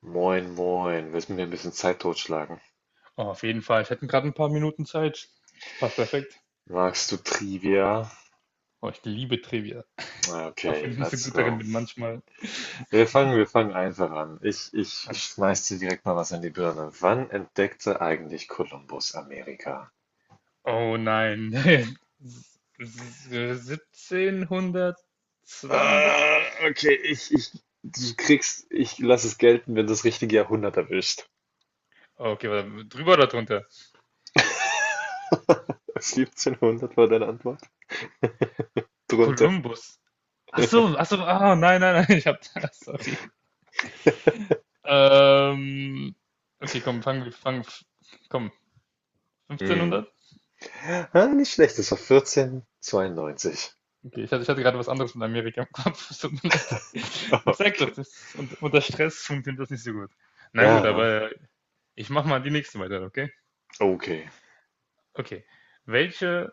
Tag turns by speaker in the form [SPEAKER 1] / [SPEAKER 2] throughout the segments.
[SPEAKER 1] Moin, moin. Willst mit mir ein bisschen Zeit totschlagen?
[SPEAKER 2] Oh, auf jeden Fall. Ich hätte gerade ein paar Minuten Zeit. Das passt perfekt.
[SPEAKER 1] Magst du Trivia?
[SPEAKER 2] Oh, ich liebe Trivia.
[SPEAKER 1] Ah,
[SPEAKER 2] Auch
[SPEAKER 1] okay,
[SPEAKER 2] wenn ich nicht so
[SPEAKER 1] let's
[SPEAKER 2] gut darin
[SPEAKER 1] go.
[SPEAKER 2] bin manchmal.
[SPEAKER 1] Wir fangen einfach an. Ich
[SPEAKER 2] Ah.
[SPEAKER 1] schmeiß dir direkt mal was in die Birne. Wann entdeckte eigentlich Kolumbus Amerika?
[SPEAKER 2] Oh nein. 1772?
[SPEAKER 1] Ah, okay, du kriegst, ich lass es gelten, wenn du das richtige Jahrhundert erwischt.
[SPEAKER 2] Okay, warte, drüber oder drunter?
[SPEAKER 1] 1700 war deine Antwort? Drunter.
[SPEAKER 2] Kolumbus. Ach so, nein, nein, nein, ich hab da, sorry. Ähm, okay, komm, komm,
[SPEAKER 1] Hm.
[SPEAKER 2] 1500?
[SPEAKER 1] Ah, nicht schlecht, das war 1492.
[SPEAKER 2] Okay, ich hatte gerade was anderes von Amerika im Kopf. Es tut mir leid. Ich sag
[SPEAKER 1] Okay.
[SPEAKER 2] doch, das ist, unter Stress funktioniert das nicht so gut. Na gut,
[SPEAKER 1] Ja, ne?
[SPEAKER 2] aber ich mach mal die nächste weiter, okay?
[SPEAKER 1] Okay.
[SPEAKER 2] Okay. Welche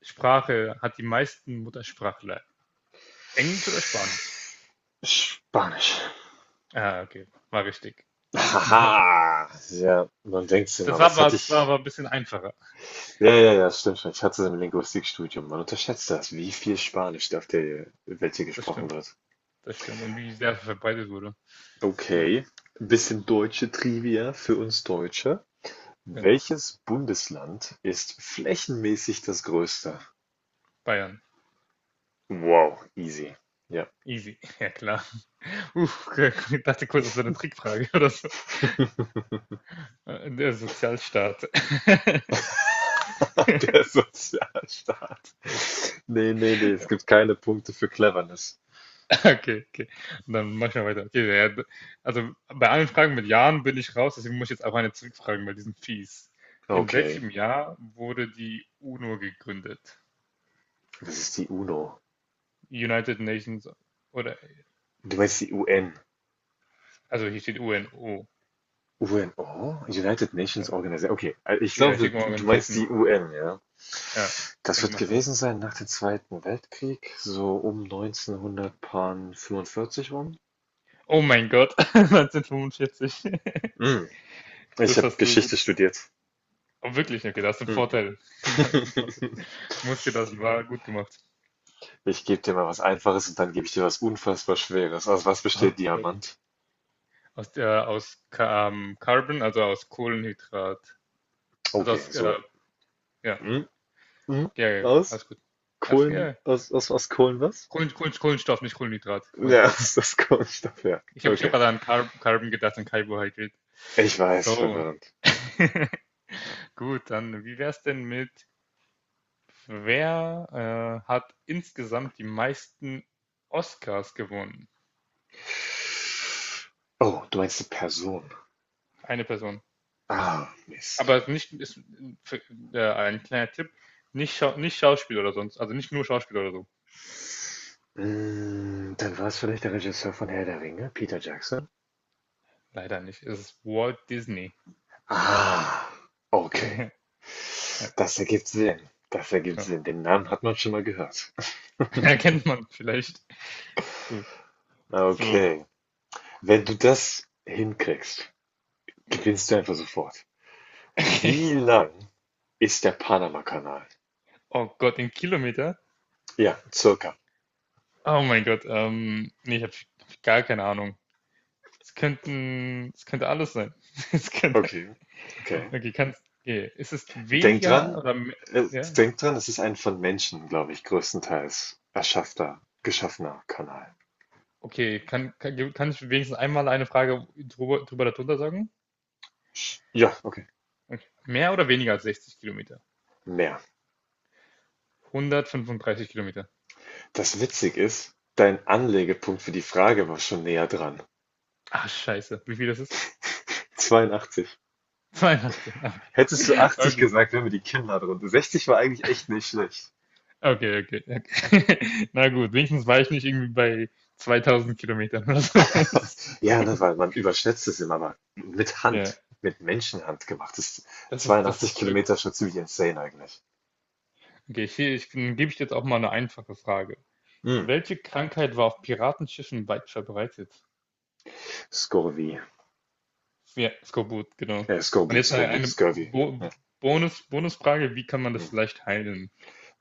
[SPEAKER 2] Sprache hat die meisten Muttersprachler? Englisch oder Spanisch?
[SPEAKER 1] Spanisch.
[SPEAKER 2] Okay, war richtig.
[SPEAKER 1] Haha, ja, man denkt sich
[SPEAKER 2] Das
[SPEAKER 1] immer,
[SPEAKER 2] war
[SPEAKER 1] was
[SPEAKER 2] aber,
[SPEAKER 1] hatte
[SPEAKER 2] das war
[SPEAKER 1] ich?
[SPEAKER 2] aber ein bisschen einfacher.
[SPEAKER 1] Ja, ja, ja, stimmt schon. Ich hatte es im Linguistikstudium. Man unterschätzt das, wie viel Spanisch auf der Welt hier
[SPEAKER 2] Das
[SPEAKER 1] gesprochen
[SPEAKER 2] stimmt,
[SPEAKER 1] wird.
[SPEAKER 2] das stimmt. Und wie sehr verbreitet wurde. No.
[SPEAKER 1] Okay, ein bisschen deutsche Trivia für uns Deutsche.
[SPEAKER 2] Ja.
[SPEAKER 1] Welches Bundesland ist flächenmäßig das größte?
[SPEAKER 2] Bayern.
[SPEAKER 1] Wow, easy. Ja,
[SPEAKER 2] Easy. Ja, klar. Uff, ich dachte kurz, das wäre eine Trickfrage oder so. Der Sozialstaat.
[SPEAKER 1] der Sozialstaat. Nee, nee, nee, es gibt keine Punkte für Cleverness.
[SPEAKER 2] Okay, okay. Dann mach ich mal weiter. Okay, ja, also bei allen Fragen mit Jahren bin ich raus, deswegen muss ich jetzt auch eine zurückfragen, weil die sind fies. In
[SPEAKER 1] Okay,
[SPEAKER 2] welchem Jahr wurde die UNO gegründet?
[SPEAKER 1] das ist die UNO.
[SPEAKER 2] United Nations oder,
[SPEAKER 1] Du meinst die UN.
[SPEAKER 2] also hier steht UNO.
[SPEAKER 1] UNO? United Nations
[SPEAKER 2] Ja,
[SPEAKER 1] Organization. Okay, ich
[SPEAKER 2] ja hier
[SPEAKER 1] glaube,
[SPEAKER 2] steht
[SPEAKER 1] du meinst
[SPEAKER 2] Organization.
[SPEAKER 1] die UN, ja.
[SPEAKER 2] Ja, ich
[SPEAKER 1] Das
[SPEAKER 2] denke
[SPEAKER 1] wird
[SPEAKER 2] mal schon.
[SPEAKER 1] gewesen sein nach dem Zweiten Weltkrieg, so um 1945 rum.
[SPEAKER 2] Oh mein Gott, 1945.
[SPEAKER 1] Hm, Ich
[SPEAKER 2] Das
[SPEAKER 1] habe
[SPEAKER 2] hast du gut.
[SPEAKER 1] Geschichte studiert.
[SPEAKER 2] Oh, wirklich, okay, da hast du einen
[SPEAKER 1] Hm, hm.
[SPEAKER 2] Vorteil. Da hast du einen Vorteil. Muss dir das war gut gemacht.
[SPEAKER 1] Ich gebe dir mal was Einfaches und dann gebe ich dir was unfassbar Schweres. Aus was besteht
[SPEAKER 2] Oh Gott.
[SPEAKER 1] Diamant?
[SPEAKER 2] Aus Carbon, also aus Kohlenhydrat. Also
[SPEAKER 1] Okay,
[SPEAKER 2] aus,
[SPEAKER 1] so ja.
[SPEAKER 2] ja,
[SPEAKER 1] Hm, hm,
[SPEAKER 2] ja, ja,
[SPEAKER 1] Aus
[SPEAKER 2] alles gut. Alles,
[SPEAKER 1] Kohlen,
[SPEAKER 2] ja.
[SPEAKER 1] aus Kohlen was?
[SPEAKER 2] Kohlenstoff, nicht Kohlenhydrat,
[SPEAKER 1] Ja,
[SPEAKER 2] Kohlenstoff.
[SPEAKER 1] aus Kohlenstoff, ja.
[SPEAKER 2] Ich hab
[SPEAKER 1] Okay.
[SPEAKER 2] gerade an Carbon gedacht, an Carbohydrate.
[SPEAKER 1] Ich weiß,
[SPEAKER 2] So.
[SPEAKER 1] verwirrend.
[SPEAKER 2] Gut, dann wie wär's denn mit, wer hat insgesamt die meisten Oscars gewonnen?
[SPEAKER 1] Oh, du meinst die Person.
[SPEAKER 2] Eine Person.
[SPEAKER 1] Ah, Mist.
[SPEAKER 2] Aber nicht, ist, ein kleiner Tipp, nicht, Schau nicht Schauspiel oder sonst, also nicht nur Schauspiel oder so.
[SPEAKER 1] Dann war es vielleicht der Regisseur von Herr der Ringe, Peter Jackson?
[SPEAKER 2] Leider nicht. Es ist Walt Disney.
[SPEAKER 1] Ah, okay.
[SPEAKER 2] Ja,
[SPEAKER 1] Das ergibt Sinn. Das ergibt
[SPEAKER 2] ja.
[SPEAKER 1] Sinn. Den Namen hat man schon mal gehört.
[SPEAKER 2] Erkennt man vielleicht. Gut. So.
[SPEAKER 1] Okay. Wenn du das hinkriegst, gewinnst du einfach sofort. Wie lang ist der Panama Kanal?
[SPEAKER 2] Oh Gott, in Kilometer?
[SPEAKER 1] Ja, circa.
[SPEAKER 2] Oh mein Gott. Nee, ich hab gar keine Ahnung. Es könnte alles sein. Es könnte.
[SPEAKER 1] Okay. Okay.
[SPEAKER 2] Okay, kannst. Okay. Ist es
[SPEAKER 1] Denk
[SPEAKER 2] weniger
[SPEAKER 1] dran,
[SPEAKER 2] oder mehr?
[SPEAKER 1] Äh,
[SPEAKER 2] Ja.
[SPEAKER 1] denk dran, es ist ein von Menschen, glaube ich, größtenteils erschaffter, geschaffener Kanal.
[SPEAKER 2] Okay, kann ich wenigstens einmal eine Frage drüber darunter sagen?
[SPEAKER 1] Ja, okay.
[SPEAKER 2] Okay. Mehr oder weniger als 60 Kilometer?
[SPEAKER 1] Mehr.
[SPEAKER 2] 135 Kilometer.
[SPEAKER 1] Das witzig ist, dein Anlegepunkt für die Frage war schon näher dran.
[SPEAKER 2] Ah, scheiße. Wie viel das ist?
[SPEAKER 1] 82.
[SPEAKER 2] Weihnachten, ja,
[SPEAKER 1] Hättest du 80
[SPEAKER 2] okay.
[SPEAKER 1] gesagt, wären wir die Kinder drunter. 60 war eigentlich echt nicht schlecht.
[SPEAKER 2] Okay, okay, okay. Okay. Na gut, wenigstens war ich nicht irgendwie bei 2000 Kilometern oder sowas.
[SPEAKER 1] Ja, ne, weil man überschätzt es immer, aber mit
[SPEAKER 2] Ja,
[SPEAKER 1] Hand, mit Menschenhand gemacht ist
[SPEAKER 2] das
[SPEAKER 1] 82
[SPEAKER 2] ist wirklich.
[SPEAKER 1] Kilometer schon ziemlich insane eigentlich.
[SPEAKER 2] Okay, dann gebe ich jetzt auch mal eine einfache Frage.
[SPEAKER 1] Hm.
[SPEAKER 2] Welche Krankheit war auf Piratenschiffen weit verbreitet?
[SPEAKER 1] Scurvy.
[SPEAKER 2] Ja, Skorbut, genau. Und
[SPEAKER 1] Skorbut,
[SPEAKER 2] jetzt
[SPEAKER 1] Skorbut,
[SPEAKER 2] eine
[SPEAKER 1] Scurvy. Ja.
[SPEAKER 2] Bonusfrage, wie kann man
[SPEAKER 1] Hm.
[SPEAKER 2] das leicht heilen?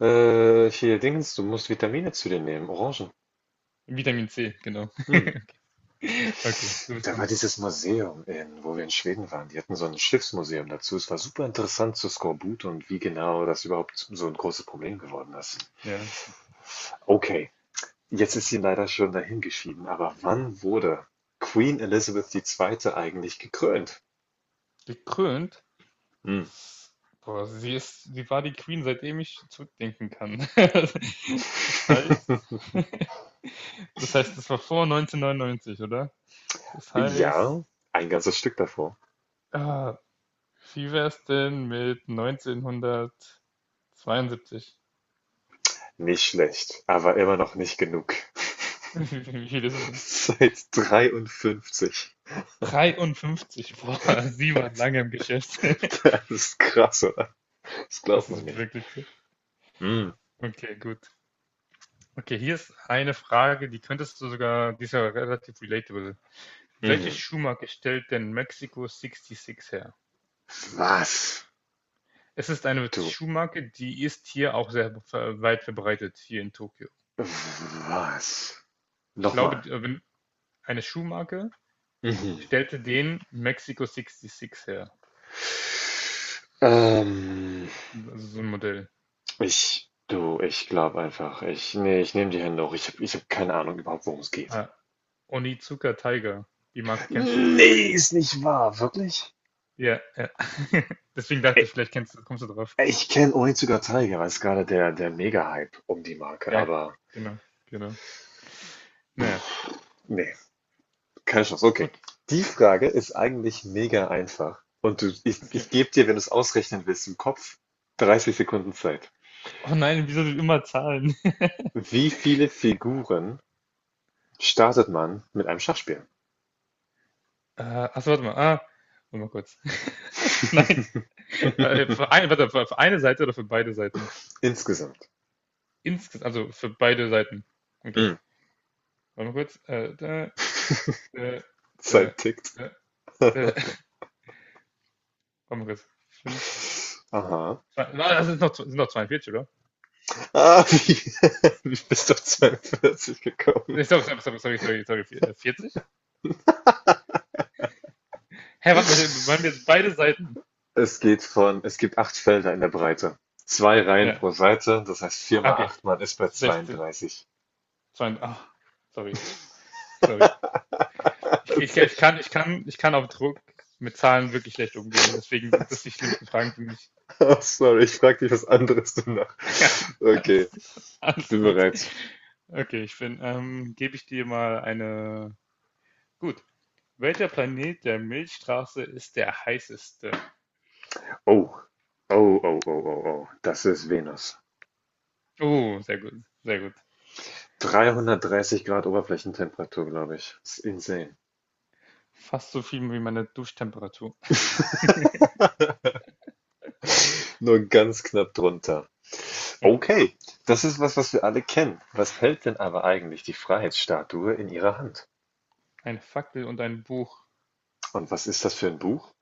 [SPEAKER 1] Hier, Dingens, du musst Vitamine zu dir nehmen, Orangen.
[SPEAKER 2] Vitamin C, genau.
[SPEAKER 1] Hm.
[SPEAKER 2] Okay, du bist
[SPEAKER 1] Da war
[SPEAKER 2] dran.
[SPEAKER 1] dieses Museum, in, wo wir in Schweden waren. Die hatten so ein Schiffsmuseum dazu. Es war super interessant zu Skorbut und wie genau das überhaupt so ein großes Problem geworden ist.
[SPEAKER 2] Ja.
[SPEAKER 1] Okay, jetzt ist sie leider schon dahingeschieden, aber wann wurde Queen Elizabeth II. Eigentlich gekrönt?
[SPEAKER 2] Gekrönt.
[SPEAKER 1] Hm.
[SPEAKER 2] Das, boah, sie war die Queen, seitdem ich zurückdenken kann. Das heißt, das war vor 1999, oder? Das heißt,
[SPEAKER 1] Ja, ein ganzes Stück davor.
[SPEAKER 2] ah, wie wäre es denn mit 1972?
[SPEAKER 1] Nicht schlecht, aber immer noch nicht genug.
[SPEAKER 2] Wie viel ist es denn?
[SPEAKER 1] Seit 53.
[SPEAKER 2] 53, boah, sie war lange im Geschäft.
[SPEAKER 1] Das ist krass, oder? Das
[SPEAKER 2] Das
[SPEAKER 1] glaubt man
[SPEAKER 2] ist
[SPEAKER 1] nicht.
[SPEAKER 2] wirklich krass.
[SPEAKER 1] Mhm.
[SPEAKER 2] Okay, gut. Okay, hier ist eine Frage, die könntest du sogar, die ist ja relativ relatable. Welche
[SPEAKER 1] Mhm.
[SPEAKER 2] Schuhmarke stellt denn Mexico sixty her?
[SPEAKER 1] Was?
[SPEAKER 2] Es ist eine
[SPEAKER 1] Du.
[SPEAKER 2] Schuhmarke, die ist hier auch sehr weit verbreitet, hier in Tokio.
[SPEAKER 1] Was?
[SPEAKER 2] Ich glaube,
[SPEAKER 1] Nochmal.
[SPEAKER 2] wenn eine Schuhmarke
[SPEAKER 1] Mhm.
[SPEAKER 2] stellte den Mexico 66 her.
[SPEAKER 1] Ähm,
[SPEAKER 2] Also so ein Modell.
[SPEAKER 1] ich. Du, ich glaube einfach, nee, ich nehme die Hände hoch. Ich hab keine Ahnung überhaupt, worum es geht.
[SPEAKER 2] Ah, Onizuka Tiger. Die Marke kennst du vielleicht.
[SPEAKER 1] Nee, ist nicht wahr, wirklich?
[SPEAKER 2] Ja, ja. Deswegen dachte ich, vielleicht kennst du, kommst du drauf.
[SPEAKER 1] Ich kenne Onitsuka Tiger, weil es gerade der Mega-Hype um die Marke,
[SPEAKER 2] Ja,
[SPEAKER 1] aber
[SPEAKER 2] genau, genau. Naja,
[SPEAKER 1] nee. Keine Chance, okay.
[SPEAKER 2] okay.
[SPEAKER 1] Die Frage ist eigentlich mega einfach. Und du, ich,
[SPEAKER 2] Okay.
[SPEAKER 1] ich gebe dir, wenn du es ausrechnen willst, im Kopf 30 Sekunden Zeit.
[SPEAKER 2] Oh nein, wieso sind immer Zahlen?
[SPEAKER 1] Wie viele Figuren startet man mit einem Schachspiel?
[SPEAKER 2] Äh, achso, warte mal. Ah, warte mal kurz. Nein. Warte, für eine Seite oder für beide Seiten?
[SPEAKER 1] Insgesamt.
[SPEAKER 2] Insges also für beide Seiten. Okay.
[SPEAKER 1] Hm.
[SPEAKER 2] Warte mal kurz. Da, da, da,
[SPEAKER 1] Zeit tickt.
[SPEAKER 2] da, da. Warte mal kurz. Fünf.
[SPEAKER 1] Aha.
[SPEAKER 2] Zwei, na, das sind noch, 42 oder?
[SPEAKER 1] Ah, wie, wie bist du auf 42 gekommen?
[SPEAKER 2] Nee, Sorry, sorry, sorry, sorry, sorry, sorry. 40? Hä, warte mal, waren wir jetzt beide Seiten?
[SPEAKER 1] Es geht von, es gibt acht Felder in der Breite. Zwei Reihen
[SPEAKER 2] Ja.
[SPEAKER 1] pro Seite, das heißt 4
[SPEAKER 2] Ah,
[SPEAKER 1] mal
[SPEAKER 2] okay.
[SPEAKER 1] 8. Man ist bei
[SPEAKER 2] 16.
[SPEAKER 1] 32.
[SPEAKER 2] 20. Ah, sorry, sorry.
[SPEAKER 1] Das
[SPEAKER 2] Ich, ich,
[SPEAKER 1] ist
[SPEAKER 2] ich,
[SPEAKER 1] echt.
[SPEAKER 2] kann, ich, kann, ich kann auf Druck mit Zahlen wirklich schlecht umgehen. Deswegen sind das die schlimmsten Fragen für mich.
[SPEAKER 1] Sorry, ich frage dich was anderes danach. Okay,
[SPEAKER 2] alles,
[SPEAKER 1] ich
[SPEAKER 2] alles
[SPEAKER 1] bin
[SPEAKER 2] gut.
[SPEAKER 1] bereit.
[SPEAKER 2] Okay, gebe ich dir mal eine. Gut. Welcher Planet der Milchstraße ist der heißeste?
[SPEAKER 1] Oh, oh, oh, oh, oh, oh. Das ist Venus.
[SPEAKER 2] Oh, sehr gut, sehr gut.
[SPEAKER 1] 330 Grad Oberflächentemperatur, glaube ich. Das ist insane.
[SPEAKER 2] Fast so viel wie meine Duschtemperatur.
[SPEAKER 1] Nur ganz knapp drunter.
[SPEAKER 2] Okay.
[SPEAKER 1] Okay, das ist was, was wir alle kennen. Was hält denn aber eigentlich die Freiheitsstatue in ihrer Hand?
[SPEAKER 2] Eine Fackel und ein Buch.
[SPEAKER 1] Und was ist das für ein Buch?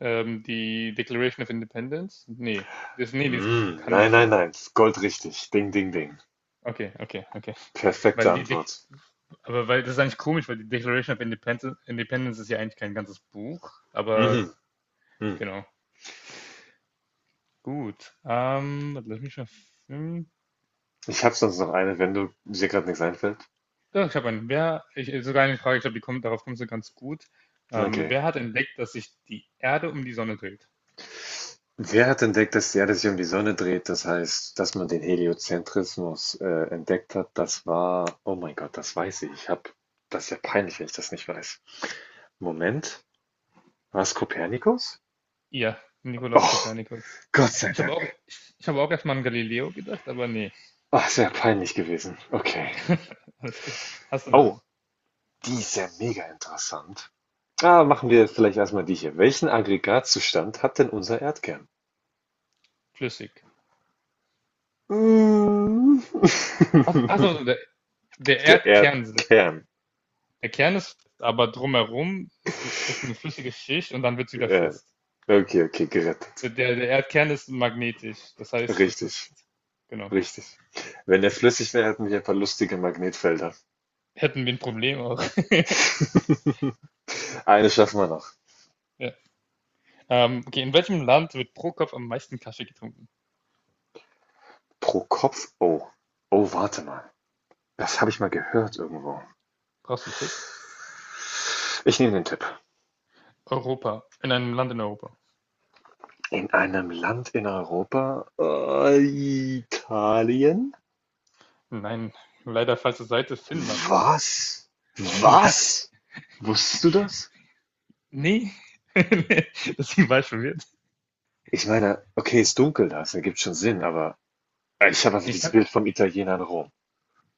[SPEAKER 2] Die Declaration of Independence? Nee. Das, nee, das
[SPEAKER 1] Mm,
[SPEAKER 2] kann
[SPEAKER 1] nein,
[SPEAKER 2] nicht
[SPEAKER 1] nein,
[SPEAKER 2] sein.
[SPEAKER 1] nein. Das ist goldrichtig. Ding, ding, ding.
[SPEAKER 2] Okay, okay, okay.
[SPEAKER 1] Perfekte
[SPEAKER 2] Weil die
[SPEAKER 1] Antwort.
[SPEAKER 2] Aber weil das ist eigentlich komisch, weil die Declaration of Independence ist ja eigentlich kein ganzes Buch, aber
[SPEAKER 1] Mhm. Mhm.
[SPEAKER 2] genau. Gut. Warte, lass mich mal. Hm.
[SPEAKER 1] Ich habe sonst noch eine, wenn du dir gerade nichts einfällt.
[SPEAKER 2] Ja, ich habe einen. Sogar eine Frage, ich glaube, darauf kommst du ganz gut. Ähm,
[SPEAKER 1] Okay.
[SPEAKER 2] wer hat entdeckt, dass sich die Erde um die Sonne dreht?
[SPEAKER 1] Wer hat entdeckt, dass die Erde sich um die Sonne dreht? Das heißt, dass man den Heliozentrismus entdeckt hat. Das war, oh mein Gott, das weiß ich. Ich habe, das ist ja peinlich, wenn ich das nicht weiß. Moment, war es Kopernikus?
[SPEAKER 2] Ihr, Nikolaus
[SPEAKER 1] Oh,
[SPEAKER 2] Kopernikus.
[SPEAKER 1] Gott sei
[SPEAKER 2] Ich habe auch,
[SPEAKER 1] Dank.
[SPEAKER 2] ich, ich habe auch erstmal an Galileo gedacht, aber nee.
[SPEAKER 1] Ach, sehr peinlich gewesen. Okay.
[SPEAKER 2] Alles gut. Hast du noch
[SPEAKER 1] Oh,
[SPEAKER 2] einen?
[SPEAKER 1] die ist ja mega interessant. Ah, machen wir vielleicht erstmal die hier. Welchen Aggregatzustand hat denn unser Erdkern?
[SPEAKER 2] Flüssig.
[SPEAKER 1] Mm.
[SPEAKER 2] Achso, der
[SPEAKER 1] Der
[SPEAKER 2] Erdkern.
[SPEAKER 1] Erdkern.
[SPEAKER 2] Der Kern ist fest, aber drumherum ist eine flüssige Schicht und dann wird es wieder
[SPEAKER 1] Äh,
[SPEAKER 2] fest.
[SPEAKER 1] okay, okay, gerettet.
[SPEAKER 2] Der Erdkern ist magnetisch, das heißt,
[SPEAKER 1] Richtig,
[SPEAKER 2] genau,
[SPEAKER 1] richtig. Wenn der flüssig wäre, hätten wir ein paar lustige Magnetfelder.
[SPEAKER 2] hätten wir ein Problem auch.
[SPEAKER 1] Eine schaffen wir noch.
[SPEAKER 2] Ja. Okay, in welchem Land wird pro Kopf am meisten Kaffee getrunken?
[SPEAKER 1] Pro Kopf. Oh. Oh, warte mal. Das habe ich mal gehört irgendwo.
[SPEAKER 2] Brauchst du einen Tipp?
[SPEAKER 1] Ich nehme den Tipp.
[SPEAKER 2] Europa, in einem Land in Europa.
[SPEAKER 1] In einem Land in Europa? Italien?
[SPEAKER 2] Nein, leider falsche Seite, Finnland.
[SPEAKER 1] Was?
[SPEAKER 2] Ja,
[SPEAKER 1] Was? Wusstest du das?
[SPEAKER 2] nee, das war ich verwirrt.
[SPEAKER 1] Ich meine, okay, ist dunkel da, das ergibt schon Sinn, aber ich habe einfach
[SPEAKER 2] Ich
[SPEAKER 1] dieses
[SPEAKER 2] kann,
[SPEAKER 1] Bild vom Italiener in Rom.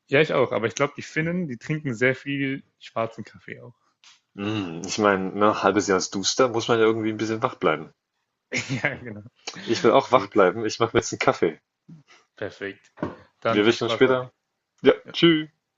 [SPEAKER 2] ja, ich auch, aber ich glaube, die Finnen, die trinken sehr viel schwarzen Kaffee auch.
[SPEAKER 1] Hm, ich meine, ne, halbes Jahr ist duster, muss man ja irgendwie ein bisschen wach bleiben.
[SPEAKER 2] Ja, genau.
[SPEAKER 1] Ich will auch wach
[SPEAKER 2] Gut.
[SPEAKER 1] bleiben. Ich mache mir jetzt einen Kaffee.
[SPEAKER 2] Perfekt.
[SPEAKER 1] Wir
[SPEAKER 2] Dann viel
[SPEAKER 1] erwischen uns
[SPEAKER 2] Spaß dabei.
[SPEAKER 1] später.
[SPEAKER 2] Ja.
[SPEAKER 1] Ja, tschü